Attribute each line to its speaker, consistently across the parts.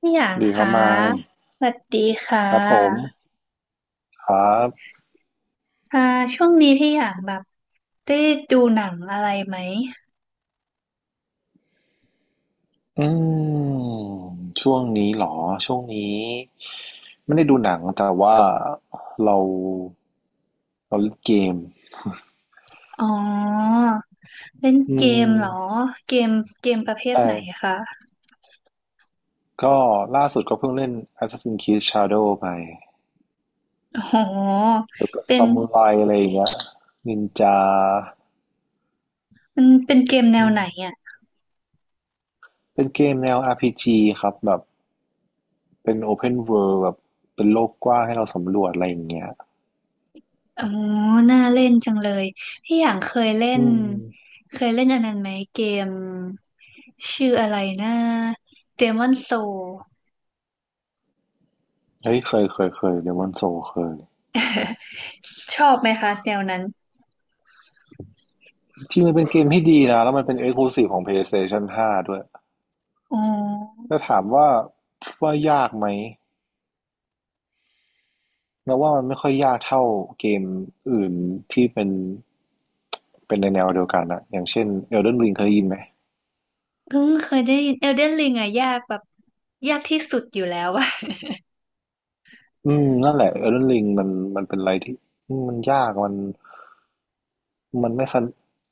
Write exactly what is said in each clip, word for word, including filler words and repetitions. Speaker 1: พี่หยาง
Speaker 2: ดีครั
Speaker 1: คะ
Speaker 2: บมาย
Speaker 1: สวัสดีค่
Speaker 2: ครับผม
Speaker 1: ะ
Speaker 2: ครับ
Speaker 1: ค่ะช่วงนี้พี่หยางแบบได้ดูหนังอะไรไหม
Speaker 2: อืมช่วงนี้เหรอช่วงนี้ไม่ได้ดูหนังแต่ว่าเราเราเล่นเกม
Speaker 1: อ๋อเล่น
Speaker 2: อื
Speaker 1: เก
Speaker 2: ม
Speaker 1: มเหรอเกมเกมประเภท
Speaker 2: ใช่
Speaker 1: ไหนคะ
Speaker 2: ก็ล่าสุดก็เพิ่งเล่น Assassin's Creed Shadow ไป
Speaker 1: อ๋อ
Speaker 2: แล้วก็
Speaker 1: เป็น
Speaker 2: ซามูไรอะไรอย่างเงี้ยนินจา
Speaker 1: มันเป็นเกมแน
Speaker 2: อื
Speaker 1: วไหน
Speaker 2: ม
Speaker 1: อ่ะ
Speaker 2: เป็นเกมแนว อาร์ พี จี ครับแบบเป็น Open World แบบเป็นโลกกว้างให้เราสำรวจอะไรอย่างเงี้ย
Speaker 1: อ๋อน่าเล่นจังเลยพี่หยางเคยเล่
Speaker 2: อื
Speaker 1: น
Speaker 2: ม
Speaker 1: เคยเล่นอันนั้นไหมเกมชื่ออะไรนะ Demon Soul
Speaker 2: เฮ้ยเคยเคยเคยเดมอนโซเคย
Speaker 1: ชอบไหมคะแนวนั้น
Speaker 2: จริงมันเป็นเกมที่ดีนะแล้วมันเป็น Exclusive ของ PlayStation ห้าด้วย
Speaker 1: อ๋อ
Speaker 2: แ้่ถามว่าว่ายากไหมเราว่ามันไม่ค่อยยากเท่าเกมอื่นที่เป็นเป็นในแนวเดียวกันนะอย่างเช่น Elden Ring เคยได้ยินไหม
Speaker 1: เออเคยได้ยินเอลเดนริงอะยากแบบยากที่สุดอยู่แล้วอะ
Speaker 2: อืมนั่นแหละ Elden Ring มันมันเป็นอะไรที่อืมมันยากมันมันไม่สน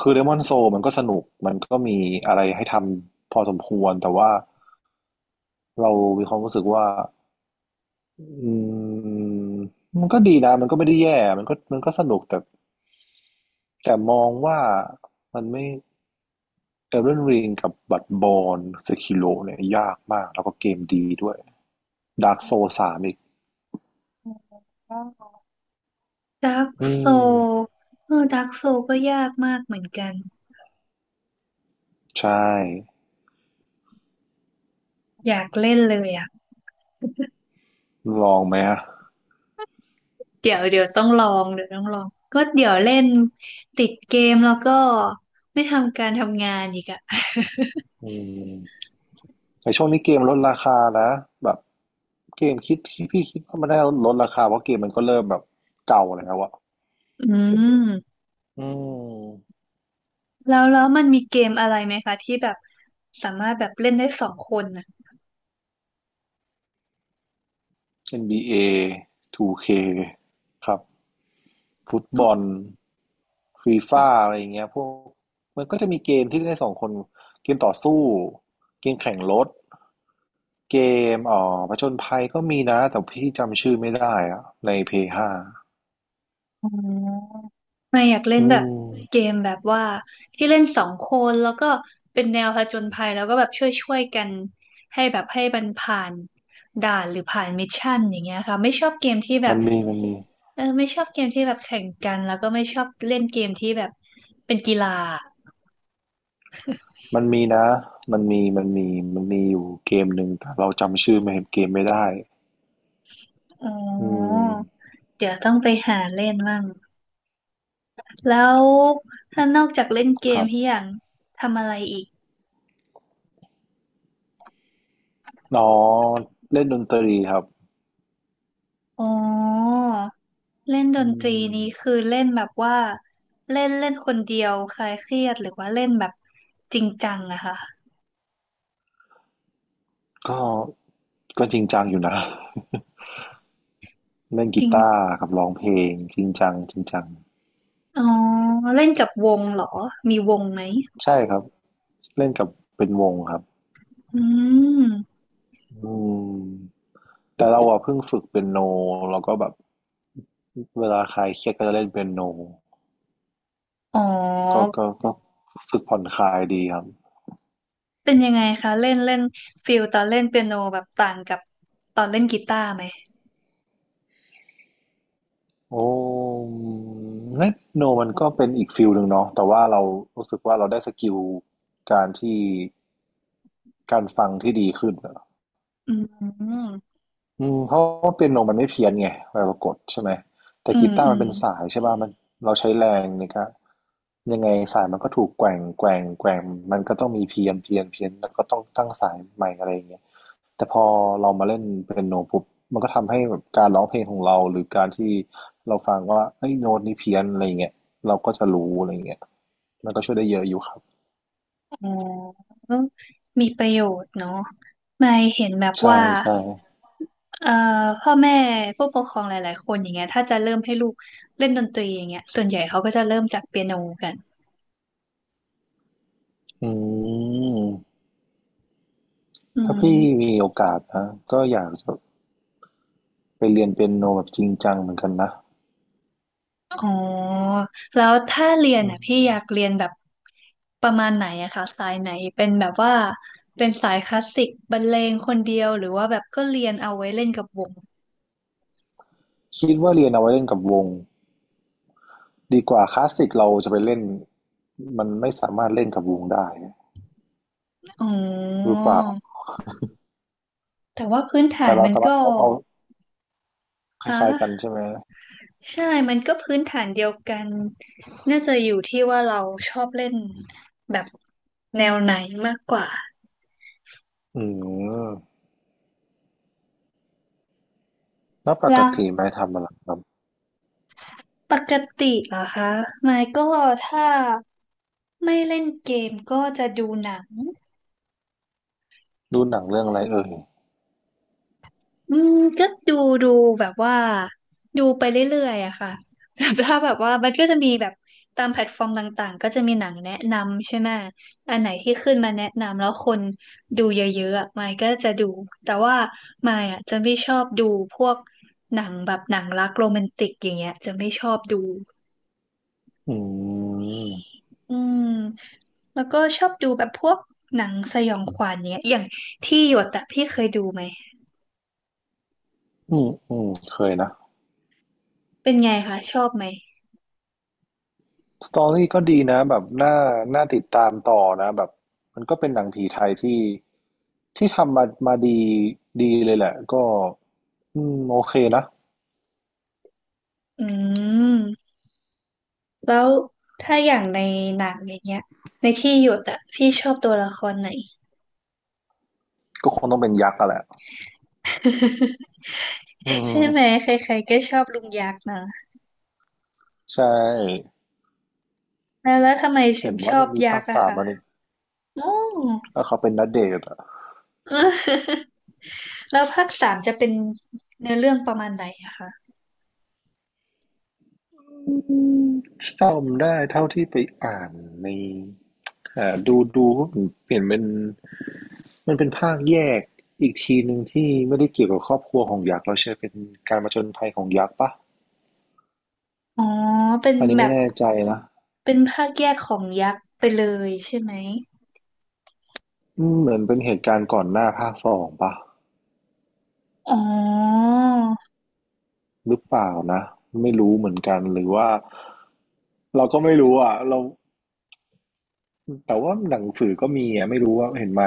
Speaker 2: คือ Demon Soul มันก็สนุกมันก็มีอะไรให้ทำพอสมควรแต่ว่าเรามีความรู้สึกว่า อืมมันก็ดีนะมันก็ไม่ได้แย่มันก็มันก็สนุกแต่แต่มองว่ามันไม่ Elden Ring กับ Bloodborne Sekiro เนี่ยยากมากแล้วก็เกมดีด้วย Dark Souls สามอีก
Speaker 1: ดาร์ก
Speaker 2: อื
Speaker 1: โซ
Speaker 2: ม
Speaker 1: เออดาร์กโซก็ยากมากเหมือนกัน
Speaker 2: ใช่
Speaker 1: อยากเล่นเลยอะ
Speaker 2: ลองไหมอะ
Speaker 1: เดี๋ยวเดี๋ยวต้องลองเดี๋ยวต้องลองก็เดี๋ยวเล่นติดเกมแล้วก็ไม่ทำการทำงานอีกอะ
Speaker 2: อืมในช่วงนี้เกมลดราคานะแบบเกมคิดคิดพี่คิดว่ามันได้ลดราคาเพราะเกมมันก็เริ่มแบบเก่าแล้วอะ
Speaker 1: อืม
Speaker 2: อืม
Speaker 1: แล้วแล้วมันมีเกมอะไรไหมคะที่แบบสามารถแบบเล่นได้สองคนนะ
Speaker 2: เอ็น บี เอ ทู เค คครับ ฟุตบ
Speaker 1: อ
Speaker 2: อลฟี
Speaker 1: ๋
Speaker 2: ฟ่า
Speaker 1: อ
Speaker 2: อะไรอย่างเงี้ยพวกมันก็จะมีเกมที่เล่นได้สองคนเกมต่อสู้เกมแข่งรถเกมอ๋อผจญภัยก็มีนะแต่พี่จำชื่อไม่ได้อะในเพย์ห้า
Speaker 1: อ๋อไม่อยากเล่
Speaker 2: อื
Speaker 1: นแบบ
Speaker 2: ม
Speaker 1: เกมแบบว่าที่เล่นสองคนแล้วก็เป็นแนวผจญภัยแล้วก็แบบช่วยช่วยกันให้แบบให้มันผ่านด่านหรือผ่านมิชชั่นอย่างเงี้ยค่ะไม่ชอบเกมที่แบ
Speaker 2: มั
Speaker 1: บ
Speaker 2: นมีมันมี
Speaker 1: เออไม่ชอบเกมที่แบบแข่งกันแล้วก็ไม่ชอบเล่นเกมที่แบบเป็นกีฬา
Speaker 2: มันมีนะมันมีมันมีมันมีอยู่เกมหนึ่งแต่เราจำชื่อไม่เกมไม่ได้
Speaker 1: อ๋
Speaker 2: อื
Speaker 1: อ
Speaker 2: ม
Speaker 1: เดี๋ยวต้องไปหาเล่นมั่งแล้วถ้านอกจากเล่นเก
Speaker 2: ค
Speaker 1: ม
Speaker 2: รั
Speaker 1: พี่
Speaker 2: บ
Speaker 1: อย่างทำอะไรอีก
Speaker 2: น้องเล่นดนตรีครับ
Speaker 1: อ๋อเล่นด
Speaker 2: อื
Speaker 1: นตรี
Speaker 2: ม
Speaker 1: นี้คือเล่นแบบว่าเล่นเล่นคนเดียวคลายเครียดหรือว่าเล่นแบบจริงจังอะค่ะ
Speaker 2: ก็ก็จริงจังอยู่นะ เล่น
Speaker 1: จ
Speaker 2: กี
Speaker 1: ริง
Speaker 2: ตาร์กับร้องเพลงจริงจังจริงจัง
Speaker 1: อ๋อเล่นกับวงเหรอมีวงไหม
Speaker 2: ใช่ครับเล่นกับเป็นวงครับ
Speaker 1: อืม
Speaker 2: อืมแต่เราอะเพิ่งฝึกเปียโนแล้วก็แบบเวลาคลายเครียดก็จะเล่นเปียโน
Speaker 1: อ๋อ
Speaker 2: ก็ก็ก็รู้สึกผ่อนคลายดีครับ
Speaker 1: เป็นยังไงคะเล่นเล่นฟิลตอนเล่นเปียโนแบบต่างกับตอนเล่นกีตาร์ไหม
Speaker 2: โอ้เล่นเปียโนมันก็เป็นอีกฟิลหนึ่งเนาะแต่ว่าเรารู้สึกว่าเราได้สกิลการที่การฟังที่ดีขึ้นอะ
Speaker 1: อืม
Speaker 2: อืมเพราะว่าเปียโนมันไม่เพี้ยนไงเวลากดใช่ไหมแต่
Speaker 1: อื
Speaker 2: กี
Speaker 1: ม
Speaker 2: ตา
Speaker 1: อื
Speaker 2: ร์มัน
Speaker 1: ม
Speaker 2: เป็นสายใช่ป่ะมันเราใช้แรงนี่ครับยังไงสายมันก็ถูกแกว่งแกว่งแกว่งมันก็ต้องมีเพี้ยนเพี้ยนเพี้ยนแล้วก็ต้องตั้งสายใหม่อะไรอย่างเงี้ยแต่พอเรามาเล่นเปียโนปุ๊บมันก็ทำให้แบบการร้องเพลงของเราหรือการที่เราฟังว่าเอ้ยโน้ตนี้เพี้ยนอะไรอย่างเงี้ยเราก็จะรู้อะไรอย่างเงี้ยมันก็ช่วยได้เยอะอยู่ครับ
Speaker 1: อ๋อมีประโยชน์เนาะไม่เห็นแบบ
Speaker 2: ใช่
Speaker 1: ว่า
Speaker 2: ใช่
Speaker 1: เอ่อพ่อแม่ผู้ปกครองหลายๆคนอย่างเงี้ยถ้าจะเริ่มให้ลูกเล่นดนตรีอย่างเงี้ยส่วนใหญ่เขาก็จะเริ่มจากเปียโนกัน
Speaker 2: อืม
Speaker 1: อื
Speaker 2: ถ้าพี่
Speaker 1: ม
Speaker 2: มีโอกาสนะก็อยากจะ ไปเรียนเปียโนแบบจริงจังเหมือนกันนะ
Speaker 1: อ๋อแล้วถ้าเรียนอ่ะพี่อยากเรียนแบบประมาณไหนอะคะสายไหนเป็นแบบว่าเป็นสายคลาสสิกบรรเลงคนเดียวหรือว่าแบบก็เรียนเอาไว้เล่นกับวง
Speaker 2: คิดว่าเรียนเอาไว้เล่นกับวงดีกว่าคลาสสิกเราจะไปเล่นมันไม่สามารถเล่นกับวงได้
Speaker 1: อ๋อ
Speaker 2: หรือเปล่า
Speaker 1: แต่ว่าพื้นฐา
Speaker 2: แต่
Speaker 1: น
Speaker 2: เรา
Speaker 1: มัน
Speaker 2: สามารถ
Speaker 1: ก็
Speaker 2: เอาเอาค
Speaker 1: ฮ
Speaker 2: ล้ายๆกัน
Speaker 1: ะ
Speaker 2: ใช่ไหม
Speaker 1: ใช่มันก็พื้นฐานเดียวกัน น่าจะอยู่ที่ว่าเราชอบเล่นแบบแนวไหนมากกว่า
Speaker 2: อืมแล้วปก
Speaker 1: แล้ว
Speaker 2: ติไปทำอะไรครับ
Speaker 1: ปกติเหรอคะไมค์ก็ถ้าไม่เล่นเกมก็จะดูหนัง
Speaker 2: ดูหนังเรื่องอะไรเอ่ย
Speaker 1: อืมก็ดูดูแบบว่าดูไปเรื่อยๆอะค่ะ แบบถ้าแบบว่ามันก็จะมีแบบตามแพลตฟอร์มต่างๆก็จะมีหนังแนะนำใช่ไหมอันไหนที่ขึ้นมาแนะนำแล้วคนดูเยอะๆอะมายก็จะดูแต่ว่ามายอะจะไม่ชอบดูพวกหนังแบบหนังรักโรแมนติกอย่างเงี้ยจะไม่ชอบดู
Speaker 2: อืม
Speaker 1: อืมแล้วก็ชอบดูแบบพวกหนังสยองขวัญเนี้ยอย่างที่หยดอะพี่เคยดูไหม
Speaker 2: อืมอืมเคยนะ
Speaker 1: เป็นไงคะชอบไหม
Speaker 2: สตอรี่ก็ดีนะแบบน่าน่าติดตามต่อนะแบบมันก็เป็นหนังผีไทยที่ที่ทำมามาดีดีเลยแหละก็อืมโอเคนะ
Speaker 1: อืม แล้วถ้าอย่างในหนังอย่างเงี้ยในที่หยุดอะพี่ชอบตัวละครไหน
Speaker 2: ก็คงต้องเป็นยักษ์อะแหละอื
Speaker 1: ใช่
Speaker 2: ม
Speaker 1: ไหมใครๆก็ชอบลุงยักษ์นะ
Speaker 2: ใช่
Speaker 1: แล้วแล้วทำไมถึ
Speaker 2: เห็
Speaker 1: ง
Speaker 2: น
Speaker 1: ช
Speaker 2: ว่า
Speaker 1: อ
Speaker 2: จะ
Speaker 1: บ
Speaker 2: มี
Speaker 1: ยั
Speaker 2: ภา
Speaker 1: ก
Speaker 2: ค
Speaker 1: ษ์อะ
Speaker 2: สาม
Speaker 1: คะ
Speaker 2: มานี่
Speaker 1: อ๋อ
Speaker 2: แล้วเขาเป็นณเดชน์อะ
Speaker 1: เออ แล้วภาคสามจะเป็นเนื้อเรื่องประมาณไหนอะคะ
Speaker 2: อืมจำได้เท่าที่ไปอ่านในอ่าดูดูก็เปลี่ยนเป็นมันเป็นภาคแยกอีกทีหนึ่งที่ไม่ได้เกี่ยวกับครอบครัวของยักษ์แล้วใช่เป็นการมาจนภัยของยักษ์ปะ
Speaker 1: อ๋อเป็น
Speaker 2: อันนี้
Speaker 1: แบ
Speaker 2: ไม่
Speaker 1: บ
Speaker 2: แน่ใจนะ
Speaker 1: เป็นภาคแยกของยักษ์ไปเลยใช่ไหม
Speaker 2: อืมเหมือนเป็นเหตุการณ์ก่อนหน้าภาคสองปะ
Speaker 1: อ๋อ
Speaker 2: หรือเปล่านะไม่รู้เหมือนกันหรือว่าเราก็ไม่รู้อ่ะเราแต่ว่าหนังสือก็มีอ่ะไม่รู้ว่าเห็นไหม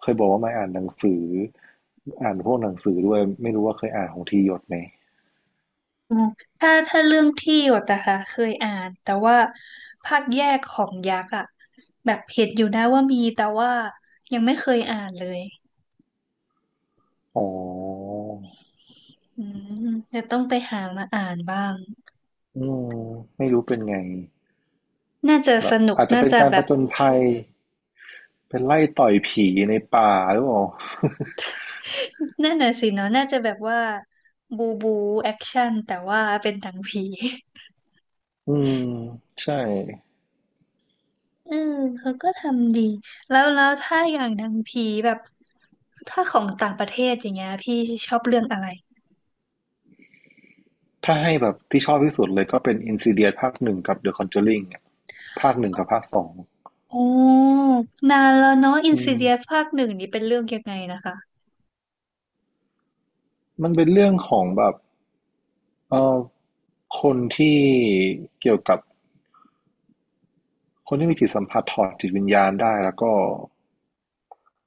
Speaker 2: เคยบอกว่าไม่อ่านหนังสืออ่านพวกหนังสือด้วยไม่รู้ว่าเคยอ่านของทีหยดไหม
Speaker 1: อืมถ้าถ้าเรื่องที่หยดนะคะเคยอ่านแต่ว่าภาคแยกของยักษ์อะแบบเห็นอยู่นะว่ามีแต่ว่ายังไม่เคยอ่านเลย
Speaker 2: อ๋อ
Speaker 1: อืมจะต้องไปหามาอ่านบ้าง
Speaker 2: อืมไม่รู้เป็นไง
Speaker 1: น่าจะ
Speaker 2: แบ
Speaker 1: ส
Speaker 2: บ
Speaker 1: นุก
Speaker 2: อาจจะ
Speaker 1: น่า
Speaker 2: เป็น
Speaker 1: จะ
Speaker 2: การ
Speaker 1: แบ
Speaker 2: ผ
Speaker 1: บ
Speaker 2: จญภัยเป็นไล่ต่อยผีในป่าหรือเปล่า
Speaker 1: นั่นน่ะสิเนาะน่าจะแบบว่าบูบูแอคชั่นแต่ว่าเป็นหนังผี
Speaker 2: อืมใช่
Speaker 1: เออเขาก็ทำดีแล้วแล้วถ้าอย่างหนังผีแบบถ้าของต่างประเทศอย่างเงี้ยพี่ชอบเรื่องอะไร
Speaker 2: ถ้าให้แบบที่ชอบที่สุดเลยก็เป็น Insidious ภาคหนึ่งกับ The Conjuring อะภาคหนึ่งกับภาคสอง
Speaker 1: โอ้นานแล้วเนาะอิน
Speaker 2: อื
Speaker 1: ซิ
Speaker 2: ม
Speaker 1: เดียสภาคหนึ่งนี่เป็นเรื่องยังไงนะคะ
Speaker 2: มันเป็นเรื่องของแบบเออคนที่เกี่ยวกับคนที่มีจิตสัมผัสถอดจิตวิญญาณได้แล้วก็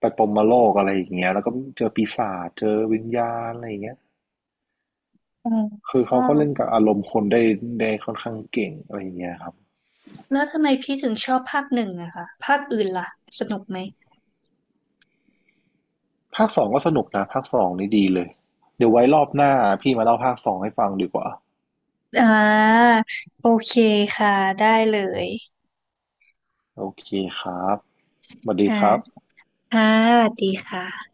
Speaker 2: ไปปรหมโลกอะไรอย่างเงี้ยแล้วก็เจอปีศาจเจอวิญญาณอะไรอย่างเงี้ย
Speaker 1: อ
Speaker 2: คือ
Speaker 1: ๋
Speaker 2: เขาก็เล่น
Speaker 1: อ
Speaker 2: กับอารมณ์คนได้ได้ค่อนข้างเก่งอะไรอย่างเงี้ยครับ
Speaker 1: แล้วทำไมพี่ถึงชอบภาคหนึ่งอะคะภาคอื่นล่ะสนุกไหม
Speaker 2: ภาคสองก็สนุกนะภาคสองนี่ดีเลยเดี๋ยวไว้รอบหน้าพี่มาเล่าภาคสองให้ฟังดีกว่า
Speaker 1: อ่าโอเคค่ะได้เลย
Speaker 2: โอเคครับสวัสดี
Speaker 1: ค่ะ
Speaker 2: ครับ
Speaker 1: ค่ะสวัสดีค่ะ